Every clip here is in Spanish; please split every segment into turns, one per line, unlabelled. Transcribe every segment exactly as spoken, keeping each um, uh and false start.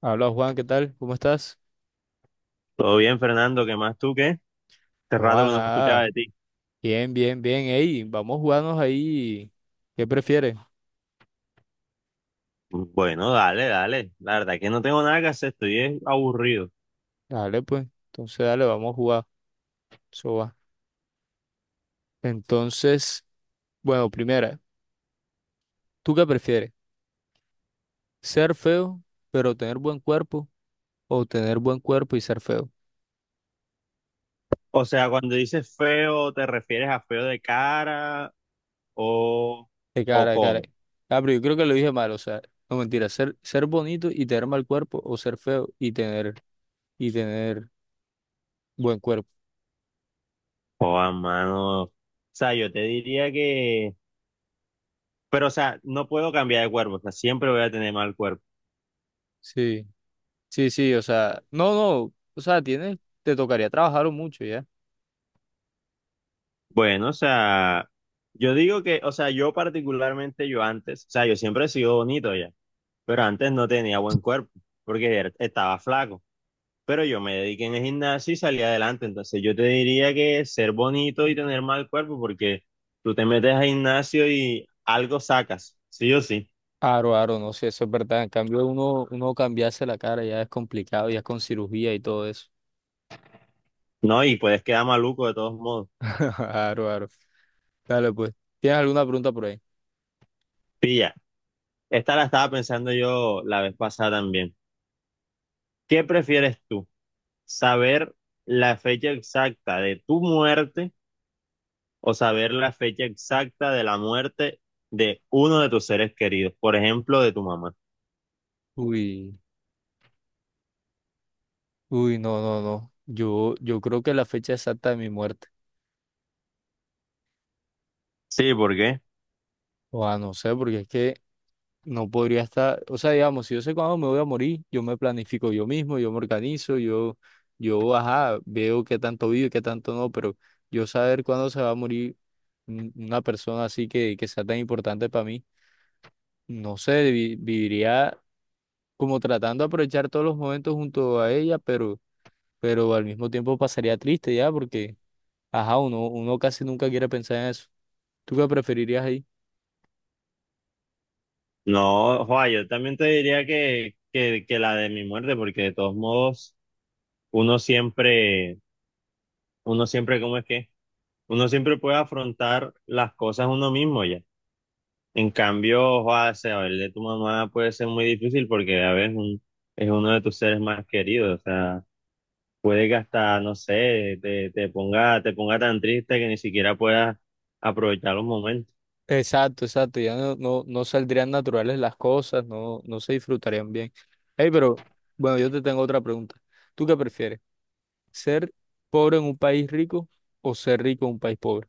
Habla Juan, ¿qué tal? ¿Cómo estás?
Todo bien, Fernando, ¿qué más tú qué? Hace rato
Juan,
que no escuchaba
nada.
de ti.
Bien, bien, bien. Ey, vamos a jugarnos ahí. ¿Qué prefieres?
Bueno, dale, dale. La verdad es que no tengo nada que hacer, estoy es aburrido.
Dale, pues. Entonces, dale, vamos a jugar. Eso va. Entonces, bueno, primera, ¿tú qué prefieres? ¿Ser feo, pero tener buen cuerpo? ¿O tener buen cuerpo y ser feo?
O sea, cuando dices feo, ¿te refieres a feo de cara o,
De
o
cara, de cara.
cómo?
Ah, pero yo creo que lo dije mal, o sea, no mentira. Ser, ser bonito y tener mal cuerpo, o ser feo y tener, y tener buen cuerpo.
O a mano. O sea, yo te diría que. Pero, o sea, no puedo cambiar de cuerpo, o sea, siempre voy a tener mal cuerpo.
Sí. Sí, sí, o sea, no, no, o sea, tienes, te tocaría trabajar mucho ya.
Bueno, o sea, yo digo que, o sea, yo particularmente, yo antes, o sea, yo siempre he sido bonito ya, pero antes no tenía buen cuerpo porque era- estaba flaco. Pero yo me dediqué en el gimnasio y salí adelante. Entonces yo te diría que ser bonito y tener mal cuerpo, porque tú te metes al gimnasio y algo sacas, sí o sí,
Aro, aro, no sé, eso es verdad. En cambio, uno, uno cambiarse la cara ya es complicado, ya es con cirugía y todo eso.
¿no? Y puedes quedar maluco de todos modos.
Aro, aro. Dale, pues. ¿Tienes alguna pregunta por ahí?
Pilla, esta la estaba pensando yo la vez pasada también. ¿Qué prefieres tú? ¿Saber la fecha exacta de tu muerte o saber la fecha exacta de la muerte de uno de tus seres queridos? Por ejemplo, de tu mamá.
Uy, uy, no, no, no. Yo, yo creo que la fecha exacta de mi muerte.
Sí, ¿por qué?
O sea, no sé, porque es que no podría estar, o sea, digamos, si yo sé cuándo me voy a morir, yo me planifico yo mismo, yo me organizo, yo, yo, ajá, veo qué tanto vivo y qué tanto no, pero yo saber cuándo se va a morir. Un- una persona así que, que sea tan importante para mí. No sé, vi- viviría como tratando de aprovechar todos los momentos junto a ella, pero, pero al mismo tiempo pasaría triste ya, porque, ajá, uno, uno casi nunca quiere pensar en eso. ¿Tú qué preferirías ahí?
No, Juan, yo también te diría que, que, que la de mi muerte, porque de todos modos, uno siempre, uno siempre, ¿cómo es que? Uno siempre puede afrontar las cosas uno mismo ya. En cambio, Juan, saber de tu mamá puede ser muy difícil porque a veces un- es uno de tus seres más queridos. O sea, puede que hasta, no sé, te, te ponga, te ponga tan triste que ni siquiera puedas aprovechar los momentos.
Exacto, exacto, ya no, no, no saldrían naturales las cosas, no, no se disfrutarían bien. Hey, pero bueno, yo te tengo otra pregunta. ¿Tú qué prefieres? ¿Ser pobre en un país rico o ser rico en un país pobre?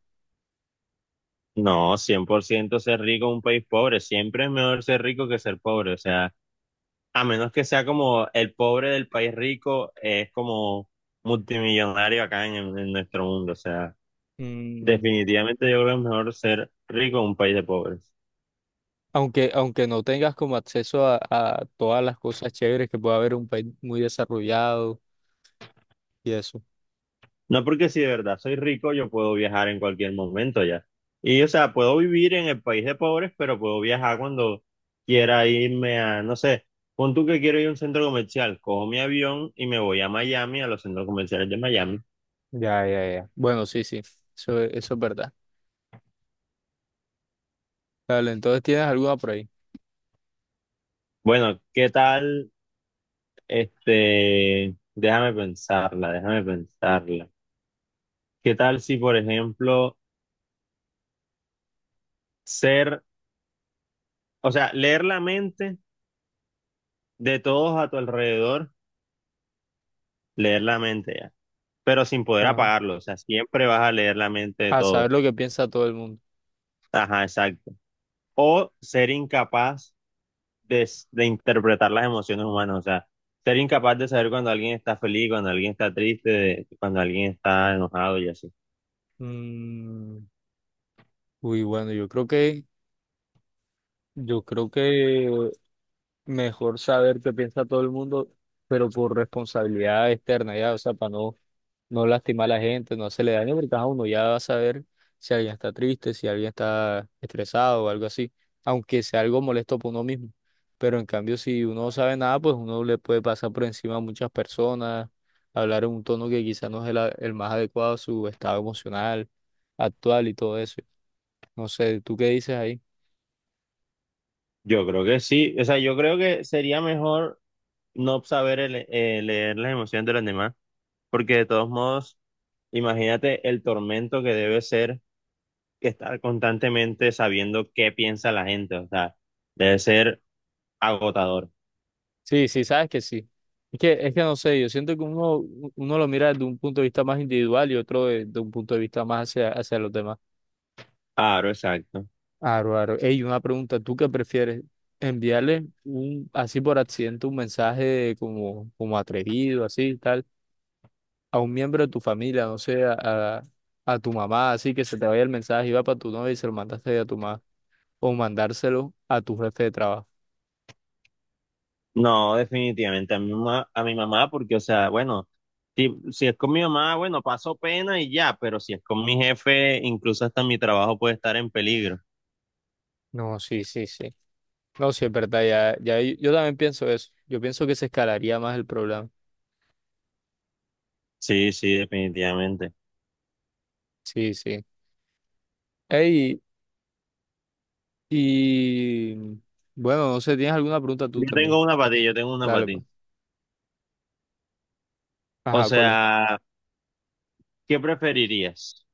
No, cien por ciento ser rico en un país pobre. Siempre es mejor ser rico que ser pobre. O sea, a menos que sea como el pobre del país rico, eh, es como multimillonario acá en, en nuestro mundo. O sea,
Mm,
definitivamente yo creo que es mejor ser rico en un país de pobres.
aunque, aunque no tengas como acceso a, a todas las cosas chéveres que puede haber en un país muy desarrollado y eso.
No porque si de verdad soy rico, yo puedo viajar en cualquier momento ya. Y o sea, puedo vivir en el país de pobres, pero puedo viajar cuando quiera irme a, no sé, pon tú que quiero ir a un centro comercial, cojo mi avión y me voy a Miami, a los centros comerciales de Miami.
Bueno, sí, sí, eso, es- eso es verdad. Dale, entonces tienes alguna por ahí.
Bueno, ¿qué tal? Este, déjame pensarla, déjame pensarla. ¿Qué tal si, por ejemplo, ser, o sea, leer la mente de todos a tu alrededor, leer la mente ya, pero sin poder
Ah,
apagarlo, o sea, siempre vas a leer la mente de
a
todos.
saber lo que piensa todo el mundo.
Ajá, exacto. O ser incapaz de, s- de interpretar las emociones humanas, o sea, ser incapaz de saber cuando alguien está feliz, cuando alguien está triste, de- cuando alguien está enojado y así.
Mm, uy, bueno, yo creo que, yo creo que mejor saber qué piensa todo el mundo, pero por responsabilidad externa, ya, o sea, para no no lastima a la gente, no se le daño, porque ajá, uno ya va a saber si alguien está triste, si alguien está estresado o algo así, aunque sea algo molesto para uno mismo. Pero en cambio, si uno no sabe nada, pues uno le puede pasar por encima a muchas personas, hablar en un tono que quizás no es el, a- el más adecuado a su estado emocional actual y todo eso. No sé, ¿tú qué dices ahí?
Yo creo que sí, o sea, yo creo que sería mejor no saber el- eh, leer las emociones de los demás, porque de todos modos, imagínate el tormento que debe ser que estar constantemente sabiendo qué piensa la gente, o sea, debe ser agotador.
Sí, sí, sabes que sí. Es que, es que no sé, yo siento que uno, uno lo mira desde un punto de vista más individual y otro de, de un punto de vista más hacia, hacia los demás.
Claro, exacto.
Aro, aro. Ey, una pregunta, ¿tú qué prefieres? ¿Enviarle un, así por accidente un mensaje como, como atrevido, así, tal, a un miembro de tu familia, no sé, a, a, a tu mamá, así que se te vaya el mensaje y va para tu novia y se lo mandaste a tu mamá, o mandárselo a tu jefe de trabajo?
No, definitivamente a mi mamá, a mi mamá, porque, o sea, bueno, si, si es con mi mamá, bueno, paso pena y ya, pero si es con mi jefe, incluso hasta mi trabajo puede estar en peligro.
No, sí, sí, sí. No, sí, es verdad, ya, ya yo, yo también pienso eso. Yo pienso que se escalaría más el problema.
Sí, sí, definitivamente.
Sí, sí. Ey, y bueno, no sé, ¿tienes alguna pregunta tú
Yo tengo
también?
una para ti, yo tengo una para
Dale, pues.
ti. O
Ajá, ¿cuál es?
sea, ¿qué preferirías?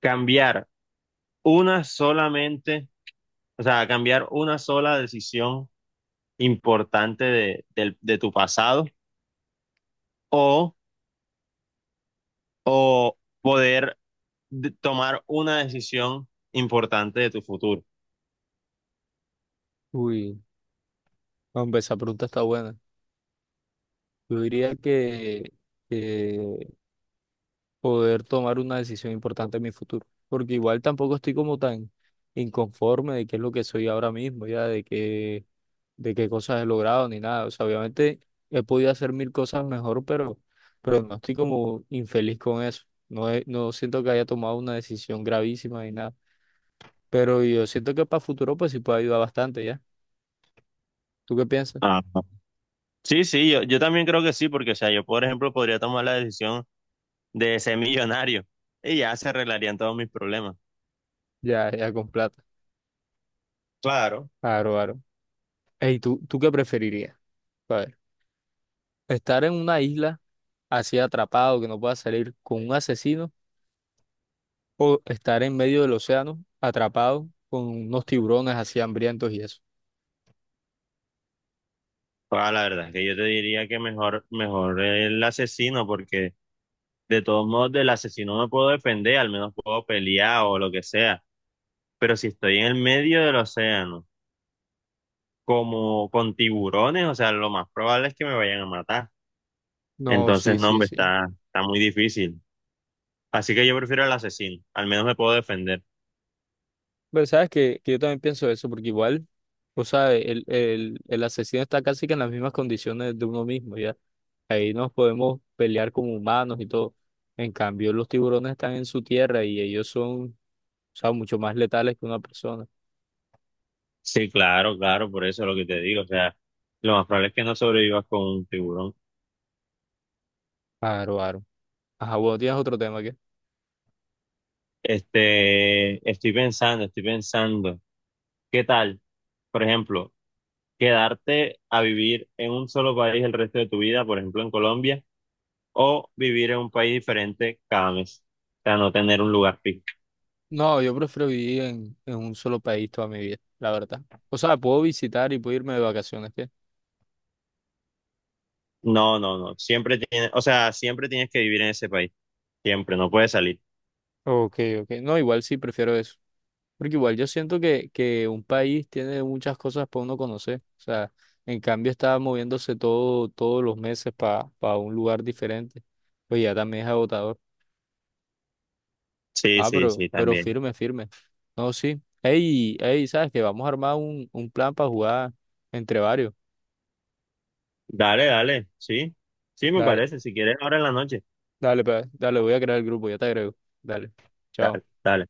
Cambiar una solamente, o sea, cambiar una sola decisión importante de, del- de tu pasado o, o poder de- tomar una decisión importante de tu futuro.
Uy. Hombre, esa pregunta está buena. Yo diría que, que poder tomar una decisión importante en mi futuro, porque igual tampoco estoy como tan inconforme de qué es lo que soy ahora mismo, ya de qué, de qué cosas he logrado ni nada. O sea, obviamente he podido hacer mil cosas mejor, pero, pero no estoy como infeliz con eso. No, he- no siento que haya tomado una decisión gravísima ni nada, pero yo siento que para futuro pues sí puede ayudar bastante, ¿ya? ¿Tú qué piensas?
Ah, sí, sí, yo, yo también creo que sí, porque, o sea, yo, por ejemplo, podría tomar la decisión de ser millonario y ya se arreglarían todos mis problemas.
Ya, ya con plata.
Claro.
Claro, claro. Ey, ¿tú, tú qué preferirías? ¿Estar en una isla así atrapado que no pueda salir con un asesino o estar en medio del océano atrapado con unos tiburones así hambrientos y eso?
Ah, la verdad es que yo te diría que mejor, mejor el asesino, porque de todos modos, del asesino me puedo defender, al menos puedo pelear o lo que sea. Pero si estoy en el medio del océano, como con tiburones, o sea, lo más probable es que me vayan a matar.
No,
Entonces,
sí,
no,
sí,
hombre,
sí.
está, está muy difícil. Así que yo prefiero al asesino, al menos me puedo defender.
Pero sabes que, que yo también pienso eso porque igual, o sea, el, el, el asesino está casi que en las mismas condiciones de uno mismo, ¿ya? Ahí nos podemos pelear como humanos y todo. En cambio, los tiburones están en su tierra y ellos son, o sea, mucho más letales que una persona.
Sí, claro, claro, por eso es lo que te digo. O sea, lo más probable es que no sobrevivas con un tiburón.
Claro, claro. Ajá, bueno, tienes otro tema que...
Este, estoy pensando, estoy pensando. ¿Qué tal? Por ejemplo, quedarte a vivir en un solo país el resto de tu vida, por ejemplo en Colombia, o vivir en un país diferente cada mes. O sea, no tener un lugar fijo.
No, yo prefiero vivir en, en un solo país toda mi vida, la verdad. O sea, puedo visitar y puedo irme de vacaciones, ¿qué?
No, no, no. Siempre tienes, o sea, siempre tienes que vivir en ese país. Siempre, no puedes salir.
Ok, ok. No, igual sí prefiero eso. Porque igual yo siento que, que un país tiene muchas cosas para uno conocer. O sea, en cambio está moviéndose todo, todos los meses para un lugar diferente. Pues ya también es agotador.
Sí,
Ah,
sí,
pero,
sí,
pero
también.
firme, firme. No, sí. Ey, ey, ¿sabes qué? Vamos a armar un, un plan para jugar entre varios.
Dale, dale, sí. Sí, me
Dale,
parece. Si quieres, ahora en la noche.
dale, pa- dale, voy a crear el grupo, ya te agrego. Dale.
Dale,
Chao.
dale.